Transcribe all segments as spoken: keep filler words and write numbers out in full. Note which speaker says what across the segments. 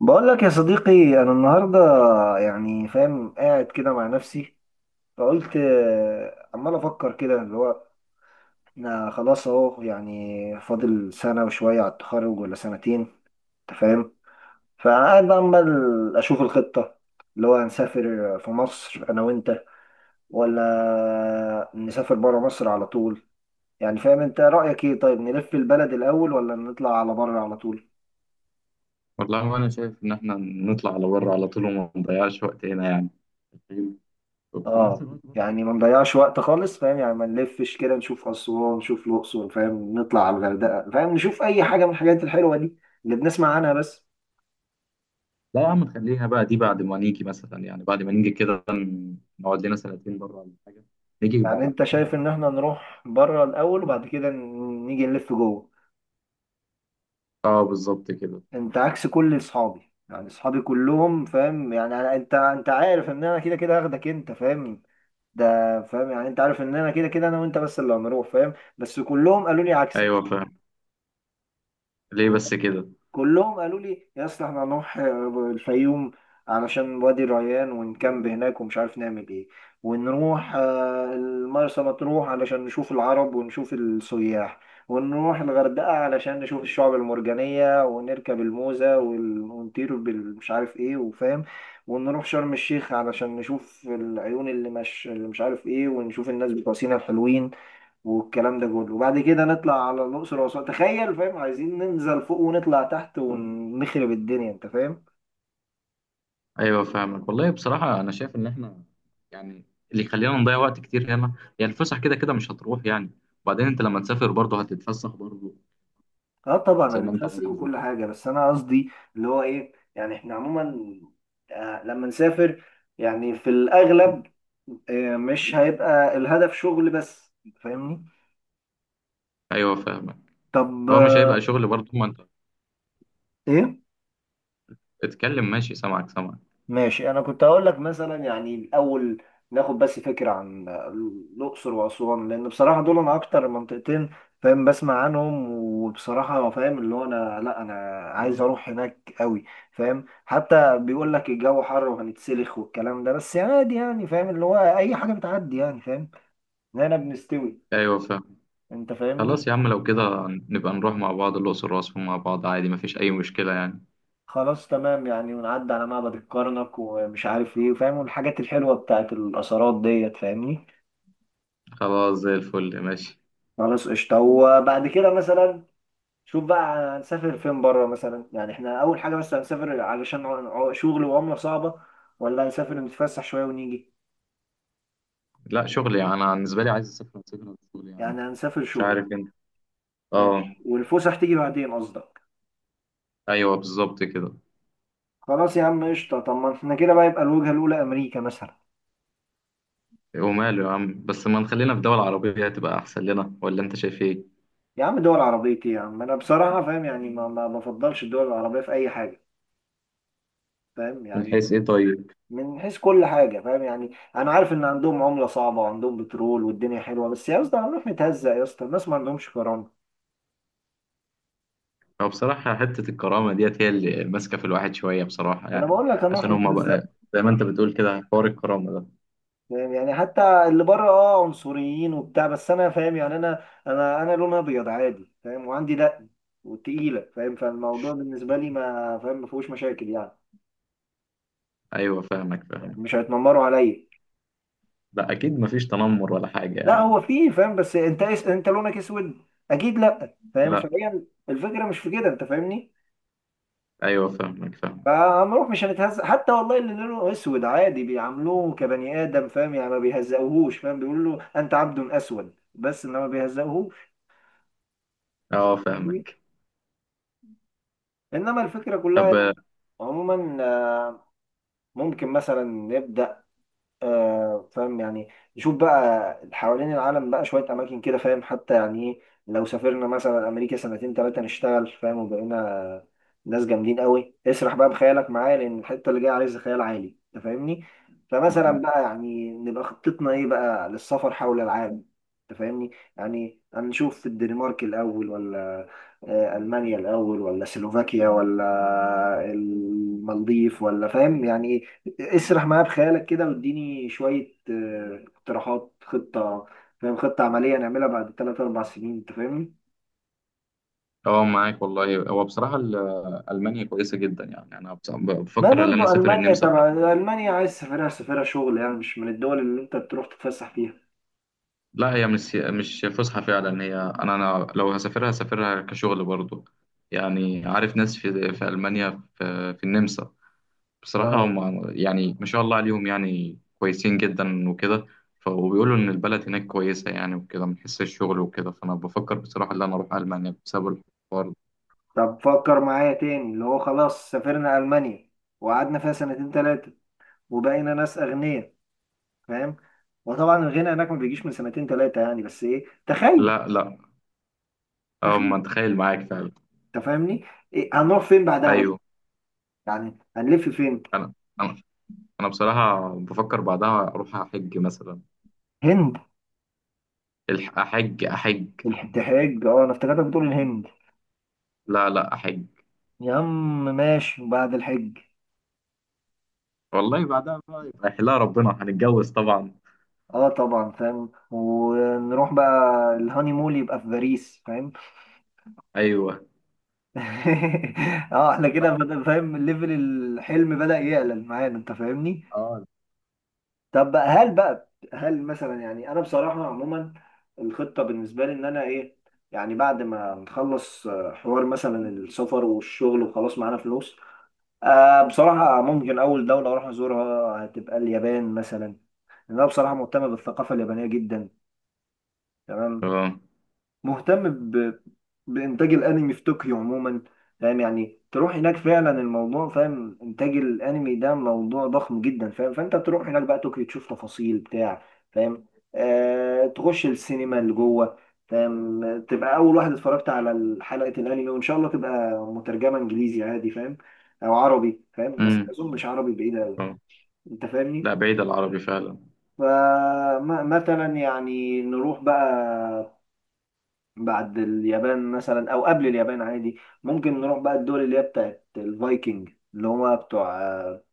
Speaker 1: بقول لك يا صديقي، انا النهارده يعني فاهم قاعد كده مع نفسي. فقلت آه، عمال افكر كده اللي هو انا خلاص اهو يعني فاضل سنه وشويه على التخرج ولا سنتين، انت فاهم؟ فقاعد بقى عمال اشوف الخطه اللي هو هنسافر في مصر انا وانت، ولا نسافر بره مصر على طول. يعني فاهم، انت رايك ايه؟ طيب نلف البلد الاول ولا نطلع على بره على طول؟
Speaker 2: والله انا شايف ان احنا نطلع على بره على طول وما نضيعش وقت هنا يعني. وفي نفس
Speaker 1: اه
Speaker 2: الوقت برضه.
Speaker 1: يعني ما نضيعش وقت خالص، فاهم يعني، ما نلفش كده نشوف اسوان، نشوف الاقصر، فاهم، نطلع على الغردقه، فاهم، نشوف اي حاجه من الحاجات الحلوه دي اللي بنسمع عنها بس.
Speaker 2: لا يا عم نخليها بقى دي بعد ما نيجي مثلا يعني، بعد ما نيجي كده ن- نقعد لنا سنتين بره ولا حاجه. نيجي بعد
Speaker 1: يعني انت
Speaker 2: كده
Speaker 1: شايف
Speaker 2: نلف.
Speaker 1: ان احنا نروح بره الاول وبعد كده ن- نيجي نلف جوه.
Speaker 2: اه بالظبط كده.
Speaker 1: انت عكس كل اصحابي، يعني اصحابي كلهم فاهم يعني أنا- انت انت عارف ان انا كده كده هاخدك، انت فاهم. ده فاهم يعني انت عارف ان انا كده كده انا وانت بس اللي هنروح فاهم، بس كلهم قالوا لي عكسك.
Speaker 2: ايوه فاهم. ليه بس كده؟
Speaker 1: كلهم قالوا لي يا اسطى احنا هنروح آه، الفيوم علشان وادي الريان ونكامب هناك ومش عارف نعمل ايه. ونروح آه، المرسى مطروح علشان نشوف العرب ونشوف السياح. ونروح الغردقة علشان نشوف الشعب المرجانية ونركب الموزة وال- ونطير بالمش عارف ايه وفاهم. ونروح شرم الشيخ علشان نشوف العيون اللي مش اللي مش عارف ايه ونشوف الناس بتوع سينا الحلوين. والكلام ده كله وبعد كده نطلع على الأقصر وأسوان، تخيل فاهم، عايزين ننزل فوق ونطلع تحت ونخرب الدنيا أنت فاهم.
Speaker 2: ايوه فاهمك، والله بصراحه انا شايف ان احنا يعني اللي يخلينا نضيع وقت كتير هنا يعني. الفسح كده كده مش هتروح يعني، وبعدين انت لما تسافر برضه هتتفسح برضه
Speaker 1: اه طبعا
Speaker 2: زي ما انت
Speaker 1: هنتفسح
Speaker 2: عايز
Speaker 1: وكل
Speaker 2: وكده.
Speaker 1: حاجة، بس أنا قصدي اللي هو إيه، يعني إحنا عموما آه، لما نسافر يعني في الأغلب آه، مش هيبقى الهدف شغل بس، فاهمني؟
Speaker 2: ايوه فاهمك.
Speaker 1: طب
Speaker 2: هو مش
Speaker 1: آه،
Speaker 2: هيبقى شغل برضه ما انت.
Speaker 1: إيه.
Speaker 2: اتكلم ماشي، سامعك سامعك.
Speaker 1: ماشي، انا كنت هقول لك مثلا يعني الاول ناخد بس فكره عن الاقصر واسوان، لان بصراحه دول انا اكتر منطقتين فاهم بسمع عنهم. وبصراحه فاهم اللي هو انا لا انا عايز اروح هناك قوي. فاهم حتى بيقول لك الجو حر وهنتسلخ والكلام ده، بس عادي يعني فاهم اللي هو اي حاجه بتعدي يعني، فاهم هنا بنستوي.
Speaker 2: ايوه فاهم.
Speaker 1: انت فاهمني؟
Speaker 2: خلاص يا عم، لو كده نبقى نروح مع بعض الأقصر وأسوان مع بعض عادي، مفيش أي مشكلة يعني.
Speaker 1: خلاص تمام يعني، ونعدي على معبد الكرنك ومش عارف ايه فاهم، والحاجات الحلوه بتاعت الاثارات ديت فاهمني.
Speaker 2: خلاص زي الفل، ماشي.
Speaker 1: خلاص قشطة. وبعد كده مثلا شوف بقى، هنسافر فين بره مثلا؟ يعني احنا أول حاجة بس هنسافر علشان عو- عو- شغل وعملة صعبة، ولا هنسافر نتفسح شوية ونيجي؟
Speaker 2: لا شغل، يعني أنا بالنسبة لي عايز أسافر، أسافر شغل يعني.
Speaker 1: يعني هنسافر
Speaker 2: مش
Speaker 1: شغل.
Speaker 2: عارف أنت.
Speaker 1: ماشي،
Speaker 2: أه.
Speaker 1: والفسح تيجي بعدين قصدك.
Speaker 2: أيوه بالظبط كده.
Speaker 1: خلاص يا عم قشطة. طب ما احنا كده بقى يبقى الوجهة الأولى أمريكا مثلا.
Speaker 2: وماله يا عم، بس ما نخلينا في دول عربية هتبقى أحسن لنا، ولا أنت شايف إيه؟
Speaker 1: يا عم دول عربية ايه يا عم، أنا بصراحة فاهم يعني ما ما بفضلش الدول العربية في أي حاجة فاهم
Speaker 2: من
Speaker 1: يعني.
Speaker 2: حيث إيه طيب؟
Speaker 1: من حيث كل حاجة فاهم يعني، أنا عارف إن عندهم عملة صعبة وعندهم بترول والدنيا حلوة، بس يا اسطى هنروح نتهزق، يا اسطى الناس ما عندهمش كرامة.
Speaker 2: هو بصراحة حتة الكرامة ديت هي اللي ماسكة في الواحد شوية بصراحة
Speaker 1: أنا
Speaker 2: يعني.
Speaker 1: بقول لك هنروح
Speaker 2: عشان هما بقى
Speaker 1: نتهزق.
Speaker 2: زي ما أنت بتقول كده حوار الكرامة ده.
Speaker 1: فاهم يعني، حتى اللي بره أه عنصريين وبتاع، بس أنا فاهم يعني أنا أنا أنا لونها أبيض عادي فاهم، وعندي دقن وتقيلة فاهم، فالموضوع بالنسبة لي ما فاهم ما فيهوش مشاكل يعني.
Speaker 2: أيوه فاهمك
Speaker 1: يعني
Speaker 2: فاهمك.
Speaker 1: مش هيتنمروا عليا.
Speaker 2: لا، اكيد مفيش تنمر ولا حاجه
Speaker 1: لا
Speaker 2: يعني.
Speaker 1: هو فيه فاهم، بس أنت أنت لونك أسود أكيد، لا فاهم
Speaker 2: لا.
Speaker 1: فهي الفكرة مش في كده، أنت فاهمني؟
Speaker 2: ايوه فاهمك فاهمك.
Speaker 1: فعمروف مش هنتهزق حتى، والله اللي لونه اسود عادي بيعاملوه كبني ادم فاهم يعني، ما بيهزقوهوش فاهم، بيقول له انت عبد اسود بس، انما ما بيهزقوهوش.
Speaker 2: اه
Speaker 1: فاهمني؟
Speaker 2: فاهمك.
Speaker 1: انما الفكره كلها
Speaker 2: طب
Speaker 1: يعني،
Speaker 2: آه،
Speaker 1: عموما آه، ممكن مثلا نبدا، آه، فاهم يعني، نشوف بقى حوالين العالم بقى شوية أماكن كده فاهم. حتى يعني إيه، لو سافرنا مثلا أمريكا سنتين تلاتة نشتغل فاهم، وبقينا ناس جامدين قوي، اسرح بقى بخيالك معايا، لأن الحتة اللي جاية عايزة خيال عالي أنت فاهمني. فمثلا
Speaker 2: معاك.
Speaker 1: بقى يعني نبقى خطتنا إيه بقى للسفر حول العالم؟ أنت فاهمني؟ يعني هنشوف الدنمارك الأول، ولا آه، ألمانيا الأول، ولا سلوفاكيا، ولا المالديف، ولا فاهم يعني إيه. اسرح معايا بخيالك كده، واديني شوية آه، اقتراحات خطة، فاهم، خطة عملية نعملها بعد ثلاث أربع سنين، أنت فاهمني؟
Speaker 2: اه معاك، والله هو بصراحه ال- آه، المانيا كويسه جدا، يعني انا بص-
Speaker 1: ما
Speaker 2: بفكر ان انا
Speaker 1: برضو
Speaker 2: اسافر
Speaker 1: ألمانيا
Speaker 2: النمسا.
Speaker 1: تبع، ألمانيا عايز تسافرها سافرها شغل يعني، مش من الدول اللي أنت بتروح تتفسح فيها.
Speaker 2: لا، هي مش مش فسحه فعلا، هي انا انا لو هسافرها هسافرها كشغل برضو. يعني عارف ناس في في المانيا، في, في النمسا. بصراحة
Speaker 1: أه.
Speaker 2: هم يعني ما شاء الله عليهم، يعني كويسين جدا وكده. ف- وبيقولوا إن البلد هناك كويسة يعني وكده، من حيث الشغل وكده. فأنا بفكر بصراحة إن أنا أروح ألمانيا بسبب الحوار ده.
Speaker 1: طب فكر معايا تاني اللي هو، خلاص سافرنا ألمانيا وقعدنا فيها سنتين تلاتة، وبقينا ناس أغنياء، فاهم؟ وطبعا الغنى هناك ما بيجيش من سنتين تلاتة يعني، بس إيه تخيل،
Speaker 2: لا لا. أه
Speaker 1: تخيل.
Speaker 2: ما أتخيل معاك فعلا.
Speaker 1: أنت فاهمني؟ إيه هنروح فين بعدها
Speaker 2: أيوه.
Speaker 1: بقى؟ يعني هنلف فين؟
Speaker 2: أنا أنا أنا بصراحة بفكر بعدها أروح أحج مثلا.
Speaker 1: هند؟
Speaker 2: الح- أحج أحج.
Speaker 1: الحج، اه انا افتكرتك بتقول الهند.
Speaker 2: لا لا أحج.
Speaker 1: يا عم ماشي، بعد الحج
Speaker 2: والله بعدها بقى يبقى يحلها ربنا، هنتجوز طبعا.
Speaker 1: اه طبعا فاهم، ونروح بقى الهاني مول يبقى في باريس، فاهم.
Speaker 2: أيوه.
Speaker 1: اه احنا كده بدأ- فاهم ليفل الحلم بدأ يعلى معانا، انت فاهمني؟
Speaker 2: اه.
Speaker 1: طب بقى هل بقى هل مثلا، يعني انا بصراحة عموما الخطة بالنسبة لي ان انا ايه، يعني بعد ما نخلص آه، حوار مثلا السفر والشغل وخلاص معانا فلوس، آه بصراحة ممكن أول دولة أروح أزورها هتبقى اليابان مثلا. لأن أنا بصراحة مهتم بالثقافة اليابانية جدا. تمام.
Speaker 2: أه.
Speaker 1: مهتم ب... بإنتاج الأنمي في طوكيو عموما، فاهم يعني، تروح هناك فعلا الموضوع، فاهم، إنتاج الأنمي ده موضوع ضخم جدا فاهم، فأنت تروح هناك بقى طوكيو تشوف تفاصيل بتاع فاهم، آه... تخش السينما اللي جوه فاهم، تبقى أول واحد اتفرجت على حلقة الأنمي، وإن شاء الله تبقى مترجمة إنجليزي عادي فاهم، أو عربي فاهم، بس
Speaker 2: أمم،
Speaker 1: أظن مش عربي بعيد أوي.
Speaker 2: أه.
Speaker 1: أنت
Speaker 2: لا،
Speaker 1: فاهمني؟
Speaker 2: بعيد العربي فعلا.
Speaker 1: فمثلا يعني نروح بقى بعد اليابان مثلا او قبل اليابان عادي، ممكن نروح بقى الدول اللي هي بتاعت الفايكنج اللي هما بتوع آه،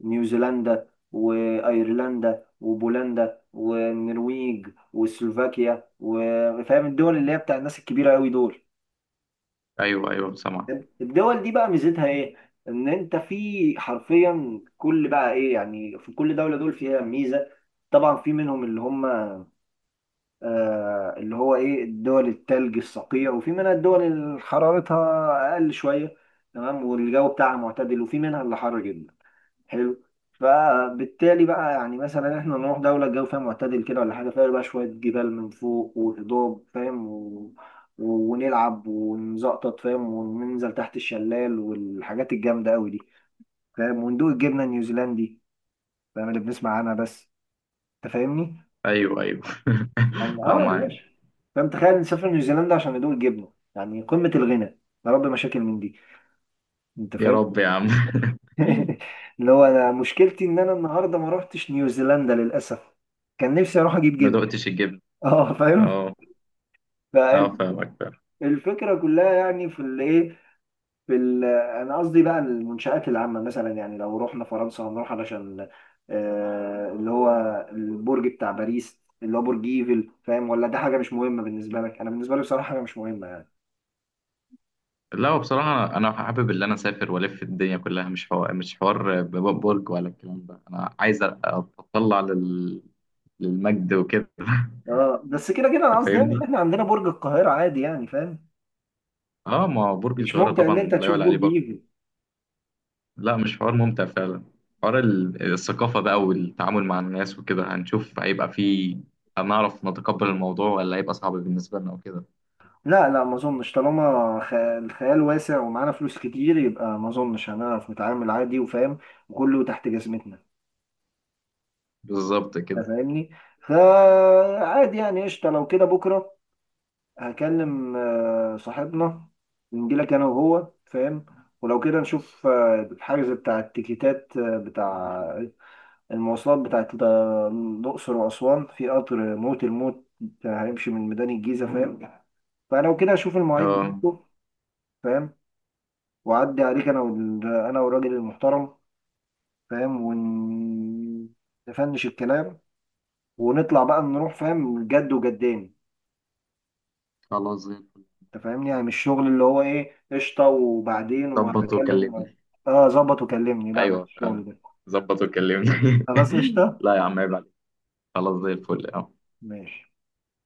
Speaker 1: نيوزيلندا، وايرلندا، وبولندا، والنرويج، وسلوفاكيا، وفاهم الدول اللي هي بتاع الناس الكبيره قوي دول.
Speaker 2: أيوه أيوه سامع.
Speaker 1: الدول دي بقى ميزتها ايه، ان انت في حرفيا كل بقى ايه، يعني في كل دوله دول فيها ميزه. طبعا في منهم اللي هم آه، اللي هو ايه، الدول التلج الصقيع، وفي منها الدول اللي حرارتها اقل شويه، تمام، والجو بتاعها معتدل، وفي منها اللي حر جدا، حلو. فبالتالي بقى يعني مثلا احنا نروح دوله الجو فيها معتدل كده، ولا حاجه فيها بقى شويه جبال من فوق وهضاب فاهم، و... و- ونلعب ونزقطط فاهم، وننزل تحت الشلال والحاجات الجامده قوي دي فاهم، وندوق الجبنه النيوزيلندي فاهم، اللي بنسمع عنها بس. انت فاهمني؟
Speaker 2: ايوه ايوه
Speaker 1: يعني
Speaker 2: اه
Speaker 1: اه يا
Speaker 2: معاك.
Speaker 1: باشا. فاهم تخيل نسافر نيوزيلندا عشان ندوق جبنه، يعني قمه الغنى. يا رب مشاكل من دي. انت
Speaker 2: يا
Speaker 1: فاهم.
Speaker 2: رب يا عم.
Speaker 1: اللي هو انا مشكلتي ان انا النهارده ما روحتش نيوزيلندا للاسف، كان نفسي اروح اجيب
Speaker 2: ما
Speaker 1: جبن.
Speaker 2: دقتش الجبن.
Speaker 1: اه فاهم.
Speaker 2: اه. اه فاهمك فاهم.
Speaker 1: فالفكره كلها يعني في الايه، في ال- انا قصدي بقى المنشات العامه مثلا، يعني لو رحنا فرنسا هنروح علشان آه اللي هو البرج بتاع باريس اللي هو برج ايفل، فاهم، ولا ده حاجه مش مهمه بالنسبه لك؟ انا بالنسبه لي بصراحه حاجه مش مهمه.
Speaker 2: لا هو بصراحة أنا حابب اللي أنا أسافر وألف الدنيا كلها، مش حوار، مش حوار ب- ب- برج ولا الكلام ده. أنا عايز أ- أتطلع لل... للمجد وكده
Speaker 1: اه بس كده كده انا
Speaker 2: أنت
Speaker 1: قصدي يعني
Speaker 2: فاهمني؟
Speaker 1: ان احنا عندنا برج القاهرة عادي يعني فاهم.
Speaker 2: أه، ما هو برج
Speaker 1: مش
Speaker 2: القاهرة
Speaker 1: ممتع ان
Speaker 2: طبعا
Speaker 1: انت
Speaker 2: لا
Speaker 1: تشوف
Speaker 2: يعلى عليه
Speaker 1: برج
Speaker 2: برضه.
Speaker 1: ايفل؟
Speaker 2: لا مش حوار ممتع فعلا. حوار ال- الثقافة بقى والتعامل مع الناس وكده. هنشوف هيبقى فيه، هنعرف نتقبل الموضوع ولا هيبقى صعب بالنسبة لنا وكده.
Speaker 1: لا لا ما اظنش، طالما خ- الخيال واسع ومعانا فلوس كتير، يبقى ما اظنش هنعرف نتعامل عادي وفاهم، وكله تحت جزمتنا.
Speaker 2: بالظبط كده.
Speaker 1: انت فاهمني؟ فعادي يعني قشطة، لو كده بكرة هكلم آه، صاحبنا، نجيلك انا وهو فاهم، ولو كده نشوف آه، الحجز بتاع التيكيتات، آه، بتاع المواصلات بتاعت ال- الأقصر وأسوان، في قطر موت الموت هيمشي من ميدان الجيزة فاهم، فلو كده أشوف المواعيد
Speaker 2: اه.
Speaker 1: بتاعته فاهم، وأعدي عليك أنا وال... أنا والراجل المحترم فاهم، ونفنش الكلام ونطلع بقى نروح فاهم، جد وجدان.
Speaker 2: خلاص زي الفل.
Speaker 1: أنت فاهمني؟ يعني مش شغل اللي هو إيه، قشطة وبعدين
Speaker 2: ظبط
Speaker 1: وهتكلم و...
Speaker 2: وكلمني.
Speaker 1: آه ظبط وكلمني. لا مش
Speaker 2: ايوه
Speaker 1: الشغل
Speaker 2: فاهم.
Speaker 1: ده.
Speaker 2: ظبط وكلمني
Speaker 1: خلاص قشطة.
Speaker 2: لا يا عم عيب عليك. خلاص زي الفل.
Speaker 1: ماشي.